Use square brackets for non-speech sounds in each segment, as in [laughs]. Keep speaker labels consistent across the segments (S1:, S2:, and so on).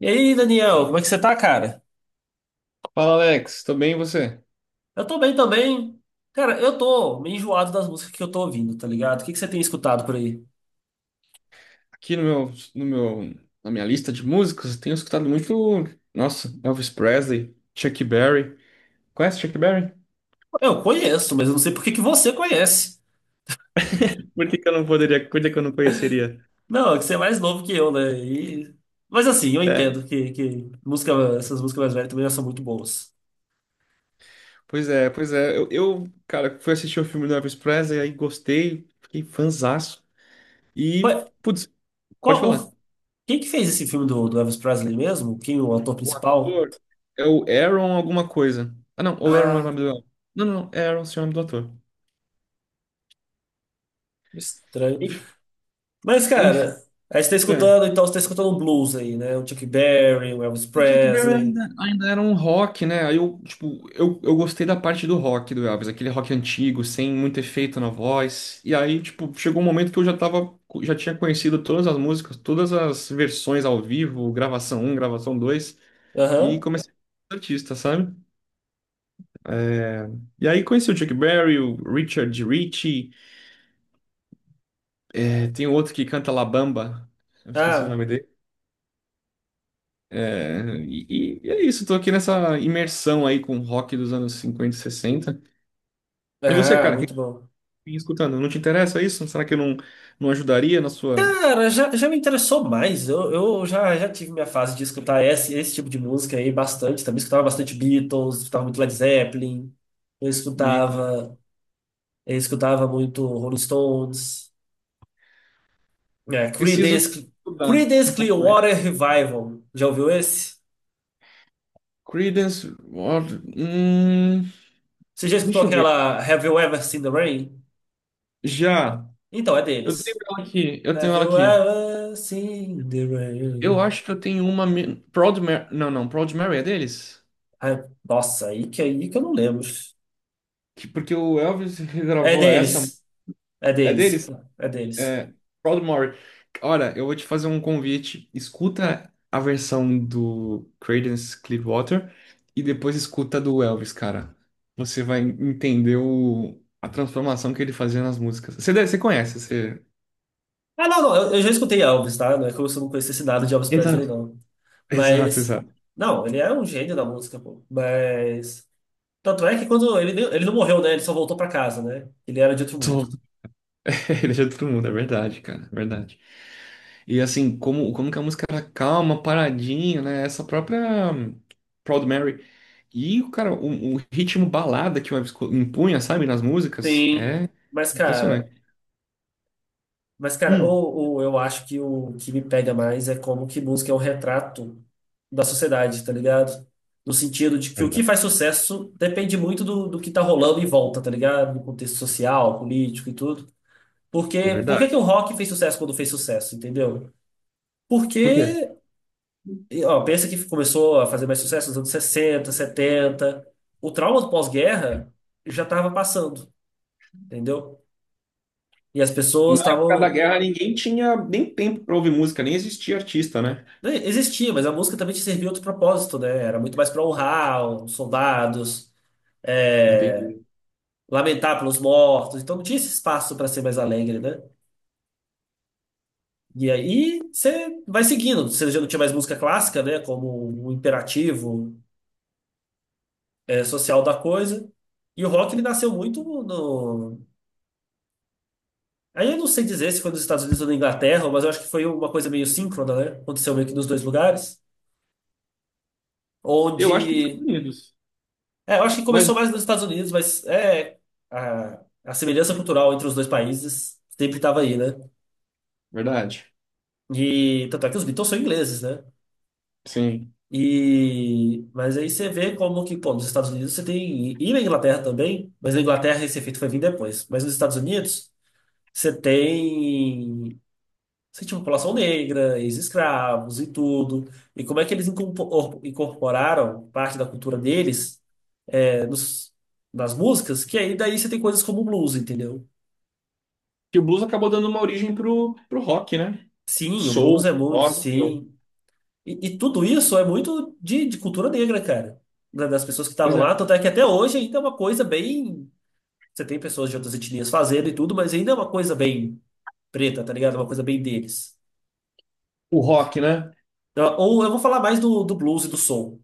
S1: E aí, Daniel, como é que você tá, cara?
S2: Fala Alex, tudo bem e você?
S1: Eu tô bem também. Cara, eu tô meio enjoado das músicas que eu tô ouvindo, tá ligado? O que você tem escutado por aí?
S2: Aqui no meu, no meu, Na minha lista de músicas, eu tenho escutado muito, nossa, Elvis Presley, Chuck Berry. Conhece Chuck Berry?
S1: Eu conheço, mas eu não sei por que você conhece.
S2: Por que que eu não poderia? Por que que eu não conheceria?
S1: Não, é que você é mais novo que eu, né? E- Mas assim, eu
S2: É.
S1: entendo que música, essas músicas mais velhas também já são muito boas.
S2: Pois é, pois é. Eu, cara, fui assistir o filme do Elvis Presley, aí gostei, fiquei fanzaço. E,
S1: Ué,
S2: putz, pode
S1: Qual,
S2: falar.
S1: o- quem que fez esse filme do Elvis Presley mesmo? Quem é o ator
S2: O
S1: principal?
S2: ator é o Aaron alguma coisa. Ah, não, o Aaron é o
S1: Ah,
S2: nome do... Não, não, não, é Aaron, sim, é o nome do ator.
S1: estranho.
S2: Enf-
S1: Mas,
S2: Enfim,
S1: cara, aí você tá
S2: é.
S1: escutando, então você tá escutando um blues aí, né? O Chuck Berry, o Elvis
S2: O Chuck Berry
S1: Presley.
S2: ainda, ainda era um rock, né? Aí eu, tipo, eu gostei da parte do rock do Elvis, aquele rock antigo, sem muito efeito na voz. E aí, tipo, chegou um momento que eu já tava, já tinha conhecido todas as músicas, todas as versões ao vivo, gravação um, gravação 2, e
S1: Aham.
S2: comecei a ser artista, sabe? E aí conheci o Chuck Berry, o Richard Ritchie, tem outro que canta La Bamba, eu esqueci o
S1: Ah,
S2: nome dele. É, e é isso, tô aqui nessa imersão aí com o rock dos anos 50, e 60. E você,
S1: ah,
S2: cara, o que
S1: muito bom.
S2: me escutando. Não te interessa isso? Será que eu não, não ajudaria na sua
S1: Cara, já, já me interessou mais. Eu, eu já tive minha fase de escutar esse tipo de música aí bastante. Também escutava bastante Beatles, escutava muito Led Zeppelin. Eu
S2: Bita?
S1: escutava, eu escutava muito Rolling Stones. É,
S2: Preciso
S1: Creedence,
S2: estudar um
S1: Creedence
S2: pouco mais.
S1: Clearwater Revival. Já ouviu esse?
S2: Credence, Water-
S1: Você já escutou
S2: deixa eu ver.
S1: aquela Have You Ever Seen the Rain?
S2: Já.
S1: Então, é
S2: Eu tenho
S1: deles.
S2: ela aqui. Eu tenho
S1: Have
S2: ela
S1: you
S2: aqui.
S1: ever seen the
S2: Eu
S1: rain?
S2: acho que eu tenho uma. Proud Mary. Não, não. Proud Mary é deles?
S1: Ai, nossa, aí que eu não lembro.
S2: Porque o Elvis
S1: É
S2: regravou essa.
S1: deles. É
S2: É
S1: deles.
S2: deles?
S1: É deles.
S2: É, Proudmoore. Olha, eu vou te fazer um convite. Escuta a versão do Creedence Clearwater e depois escuta a do Elvis, cara. Você vai entender a transformação que ele fazia nas músicas. Você, você conhece, você...
S1: Ah, não, não. Eu já escutei Elvis, tá? Não é como se eu não conhecesse nada de Elvis Presley,
S2: Exato.
S1: não.
S2: Exato,
S1: Mas.
S2: exato.
S1: Não, ele é um gênio da música, pô. Mas. Tanto é que quando ele, nem- ele não morreu, né? Ele só voltou pra casa, né? Ele era de outro mundo.
S2: Tô. [laughs] Ele ajuda todo mundo, é verdade, cara, é verdade. E assim, como que a música era calma, paradinha, né? Essa própria Proud Mary. E, cara, o ritmo balada que o Elvis impunha, sabe, nas músicas,
S1: Sim.
S2: é
S1: Mas, cara.
S2: impressionante.
S1: Mas, cara,
S2: Hum,
S1: ou eu acho que o que me pega mais é como que música é um retrato da sociedade, tá ligado? No sentido de que o que
S2: verdade.
S1: faz sucesso depende muito do que tá rolando em volta, tá ligado? No contexto social, político e tudo.
S2: É
S1: Porque, por que
S2: verdade.
S1: que o rock fez sucesso quando fez sucesso, entendeu?
S2: Por quê?
S1: Porque, e, ó, pensa que começou a fazer mais sucesso nos anos 60 setenta. O trauma do pós-guerra já estava passando, entendeu? E as
S2: Na
S1: pessoas
S2: época da
S1: estavam.
S2: guerra, ninguém tinha nem tempo pra ouvir música, nem existia artista, né?
S1: Né, existia, mas a música também te servia outro propósito, né? Era muito mais para honrar os soldados, é,
S2: Entendi.
S1: lamentar pelos mortos. Então não tinha esse espaço para ser mais alegre, né? E aí você vai seguindo. Você já não tinha mais música clássica, né? Como um imperativo, é, social da coisa. E o rock ele nasceu muito no. Aí eu não sei dizer se foi nos Estados Unidos ou na Inglaterra, mas eu acho que foi uma coisa meio síncrona, né? Aconteceu meio que nos dois lugares,
S2: Eu acho que nos Estados
S1: onde.
S2: Unidos.
S1: É, eu acho que
S2: Mas,
S1: começou mais nos Estados Unidos, mas é a semelhança cultural entre os dois países sempre estava aí, né?
S2: verdade,
S1: E tanto é que os Beatles são ingleses, né?
S2: sim.
S1: E mas aí você vê como que, pô, nos Estados Unidos você tem e na Inglaterra também, mas na Inglaterra esse efeito foi vir depois. Mas nos Estados Unidos você tem, você tinha população negra, ex-escravos e tudo. E como é que eles incorpor- incorporaram parte da cultura deles, é, nos, nas músicas? Que aí daí você tem coisas como o blues, entendeu?
S2: Que o blues acabou dando uma origem pro, pro rock, né? O
S1: Sim, o blues
S2: soul,
S1: é muito,
S2: gospel.
S1: sim. E tudo isso é muito de cultura negra, cara. Da- Das pessoas que
S2: Pois
S1: estavam lá,
S2: é.
S1: tanto é que até hoje ainda é uma coisa bem. Você tem pessoas de outras etnias fazendo e tudo, mas ainda é uma coisa bem preta, tá ligado? É uma coisa bem deles.
S2: O rock, né?
S1: Então, ou eu vou falar mais do blues e do soul,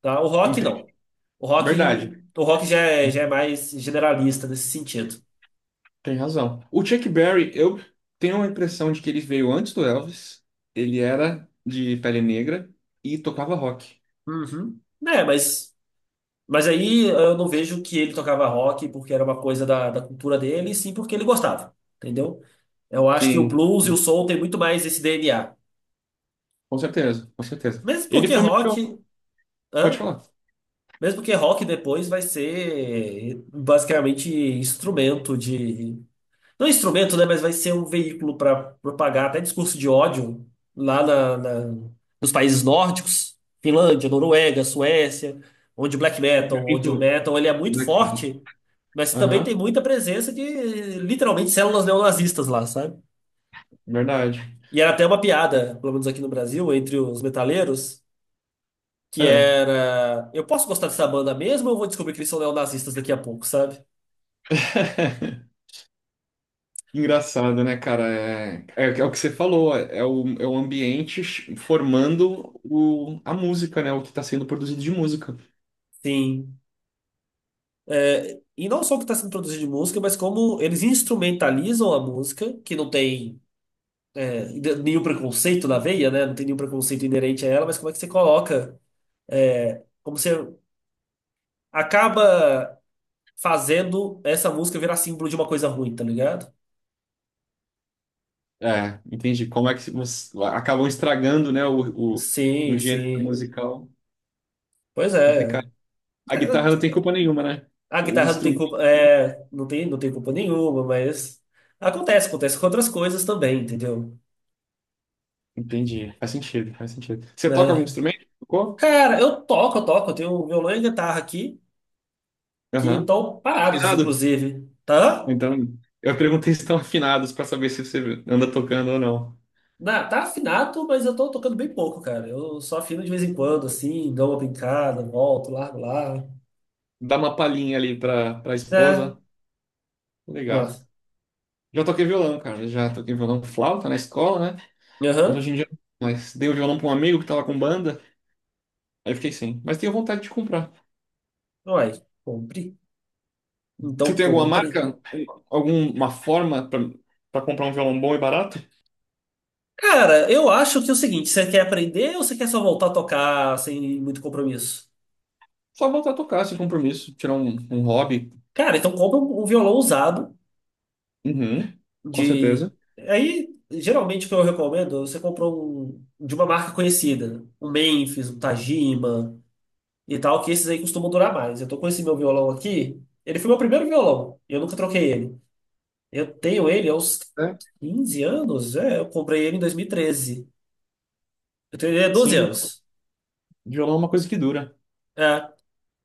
S1: tá? O rock
S2: Entendi.
S1: não. O rock,
S2: Verdade.
S1: o rock já é
S2: Uhum.
S1: mais generalista nesse sentido.
S2: Tem razão. O Chuck Berry, eu tenho a impressão de que ele veio antes do Elvis. Ele era de pele negra e tocava rock.
S1: Uhum. É, mas. Mas aí eu não vejo que ele tocava rock porque era uma coisa da cultura dele, e sim porque ele gostava, entendeu? Eu acho que o
S2: Sim,
S1: blues e o soul tem muito mais esse DNA.
S2: com certeza, com certeza.
S1: Mesmo
S2: Ele
S1: porque
S2: foi meio que
S1: rock,
S2: pode
S1: hã?
S2: falar.
S1: Mesmo porque rock depois vai ser basicamente instrumento de. Não é instrumento, né? Mas vai ser um veículo para propagar até discurso de ódio lá na, na- nos países nórdicos, Finlândia, Noruega, Suécia, onde o black metal, onde o
S2: Muito
S1: metal ele é muito
S2: daqui.
S1: forte, mas também tem
S2: Aham,
S1: muita presença de literalmente células neonazistas lá, sabe?
S2: verdade.
S1: E era até uma piada, pelo menos aqui no Brasil, entre os metaleiros, que
S2: É.
S1: era: eu posso gostar dessa banda mesmo ou eu vou descobrir que eles são neonazistas daqui a pouco, sabe?
S2: [laughs] Engraçado, né, cara? É o que você falou, é é o ambiente formando a música, né? O que está sendo produzido de música.
S1: Sim. É, e não só o que está sendo produzido de música, mas como eles instrumentalizam a música, que não tem, é, nenhum preconceito na veia, né? Não tem nenhum preconceito inerente a ela, mas como é que você coloca, é, como você acaba fazendo essa música virar símbolo de uma coisa ruim, tá ligado?
S2: É, entendi. Como é que você... acabam estragando, né, um
S1: Sim,
S2: gênero
S1: sim.
S2: musical
S1: Pois é.
S2: complicado. A guitarra não tem
S1: É,
S2: culpa nenhuma, né?
S1: a
S2: O
S1: guitarra não tem
S2: instrumento.
S1: culpa, é, não tem, não tem culpa nenhuma, mas acontece, acontece com outras coisas também, entendeu?
S2: Entendi. Faz sentido, faz sentido. Você toca algum
S1: É.
S2: instrumento? Tocou?
S1: Cara, eu toco, eu toco, eu tenho um violão e guitarra aqui. Que
S2: Aham.
S1: estão
S2: Tá
S1: parados,
S2: afinado?
S1: inclusive. Tá?
S2: Então, eu perguntei se estão afinados para saber se você anda tocando ou não.
S1: Na, tá afinado, mas eu tô tocando bem pouco, cara. Eu só afino de vez em quando, assim, dou uma brincada, volto, largo lá.
S2: Dá uma palhinha ali pra
S1: É,
S2: esposa. Legal.
S1: nossa.
S2: Já toquei violão, cara. Já toquei violão flauta na escola, né? Mas
S1: Aham.
S2: hoje em dia. Não. Mas dei o violão pra um amigo que tava com banda. Aí eu fiquei sem. Mas tenho vontade de comprar.
S1: Uai, compre.
S2: Você
S1: Então
S2: tem alguma
S1: compre.
S2: marca? Alguma forma para comprar um violão bom e barato?
S1: Cara, eu acho que é o seguinte, você quer aprender ou você quer só voltar a tocar sem muito compromisso?
S2: Só voltar a tocar sem compromisso, tirar um, um hobby.
S1: Cara, então compra um, um violão usado
S2: Uhum, com
S1: de...
S2: certeza.
S1: Aí, geralmente o que eu recomendo, você compra um de uma marca conhecida. Um Memphis, um Tajima, e tal, que esses aí costumam durar mais. Eu tô com esse meu violão aqui. Ele foi meu primeiro violão. Eu nunca troquei ele. Eu tenho ele há uns
S2: É.
S1: 15 anos. É, eu comprei ele em 2013. Eu tenho ele há 12
S2: Sim,
S1: anos.
S2: violão é uma coisa que dura.
S1: É.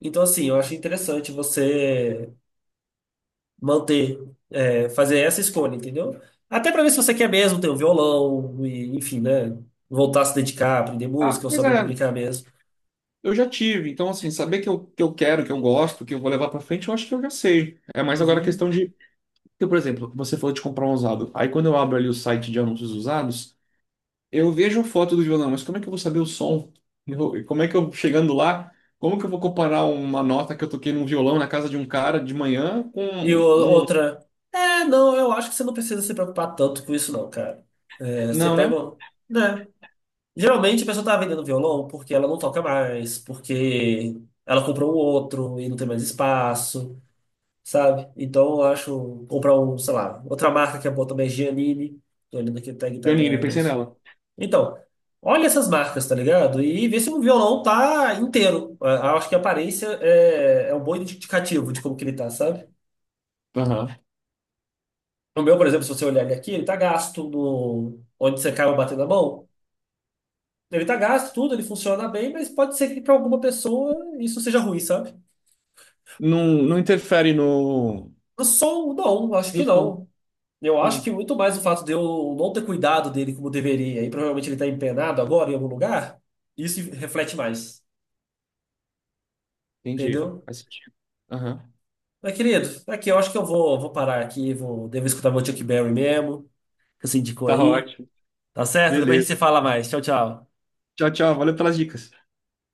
S1: Então, assim, eu acho interessante você manter, é, fazer essa escolha, entendeu? Até pra ver se você quer mesmo ter um violão, e, enfim, né? Voltar a se dedicar, aprender
S2: Ah,
S1: música ou
S2: pois é,
S1: saber fabricar mesmo.
S2: eu já tive. Então, assim, saber que eu quero, que eu gosto, que eu vou levar pra frente, eu acho que eu já sei. É mais agora a
S1: Uhum.
S2: questão de. Porque, por exemplo, você falou de comprar um usado. Aí, quando eu abro ali o site de anúncios usados. Eu vejo a foto do violão, mas como é que eu vou saber o som? E como é que eu, chegando lá, como que eu vou comparar uma nota que eu toquei num violão na casa de um cara de manhã com
S1: E o-
S2: um... um-
S1: outra, é, não, eu acho que você não precisa se preocupar tanto com isso, não, cara. É, você
S2: Não,
S1: pega.
S2: né?
S1: Um- Né? Geralmente a pessoa tá vendendo violão porque ela não toca mais, porque ela comprou um outro e não tem mais espaço, sabe? Então eu acho. Comprar um, sei lá, outra marca que é boa também é Giannini. Tô olhando aqui o tag tá
S2: Janine,
S1: da. Da-
S2: pensei nela.
S1: Então, olha essas marcas, tá ligado? E vê se o violão tá inteiro. Eu acho que a aparência é, é um bom indicativo de como que ele tá, sabe?
S2: Aham.
S1: O meu, por exemplo, se você olhar ele aqui, ele tá gasto no... onde você acaba batendo a mão. Ele tá gasto, tudo, ele funciona bem, mas pode ser que para alguma pessoa isso seja ruim, sabe?
S2: Não, não interfere no...
S1: Eu sou, um não, acho
S2: No
S1: que
S2: som.
S1: não. Eu acho que
S2: Sim,
S1: muito mais o fato de eu não ter cuidado dele como deveria, e provavelmente ele tá empenado agora em algum lugar, isso reflete mais,
S2: entendi.
S1: entendeu?
S2: Faz sentido. Aham.
S1: Mas, querido, aqui eu acho que eu vou, vou parar aqui, vou, devo escutar meu Chuck Berry mesmo, que você indicou
S2: Tá
S1: aí.
S2: ótimo.
S1: Tá certo? Depois a gente
S2: Beleza.
S1: se fala mais. Tchau, tchau.
S2: Tchau, tchau. Valeu pelas dicas.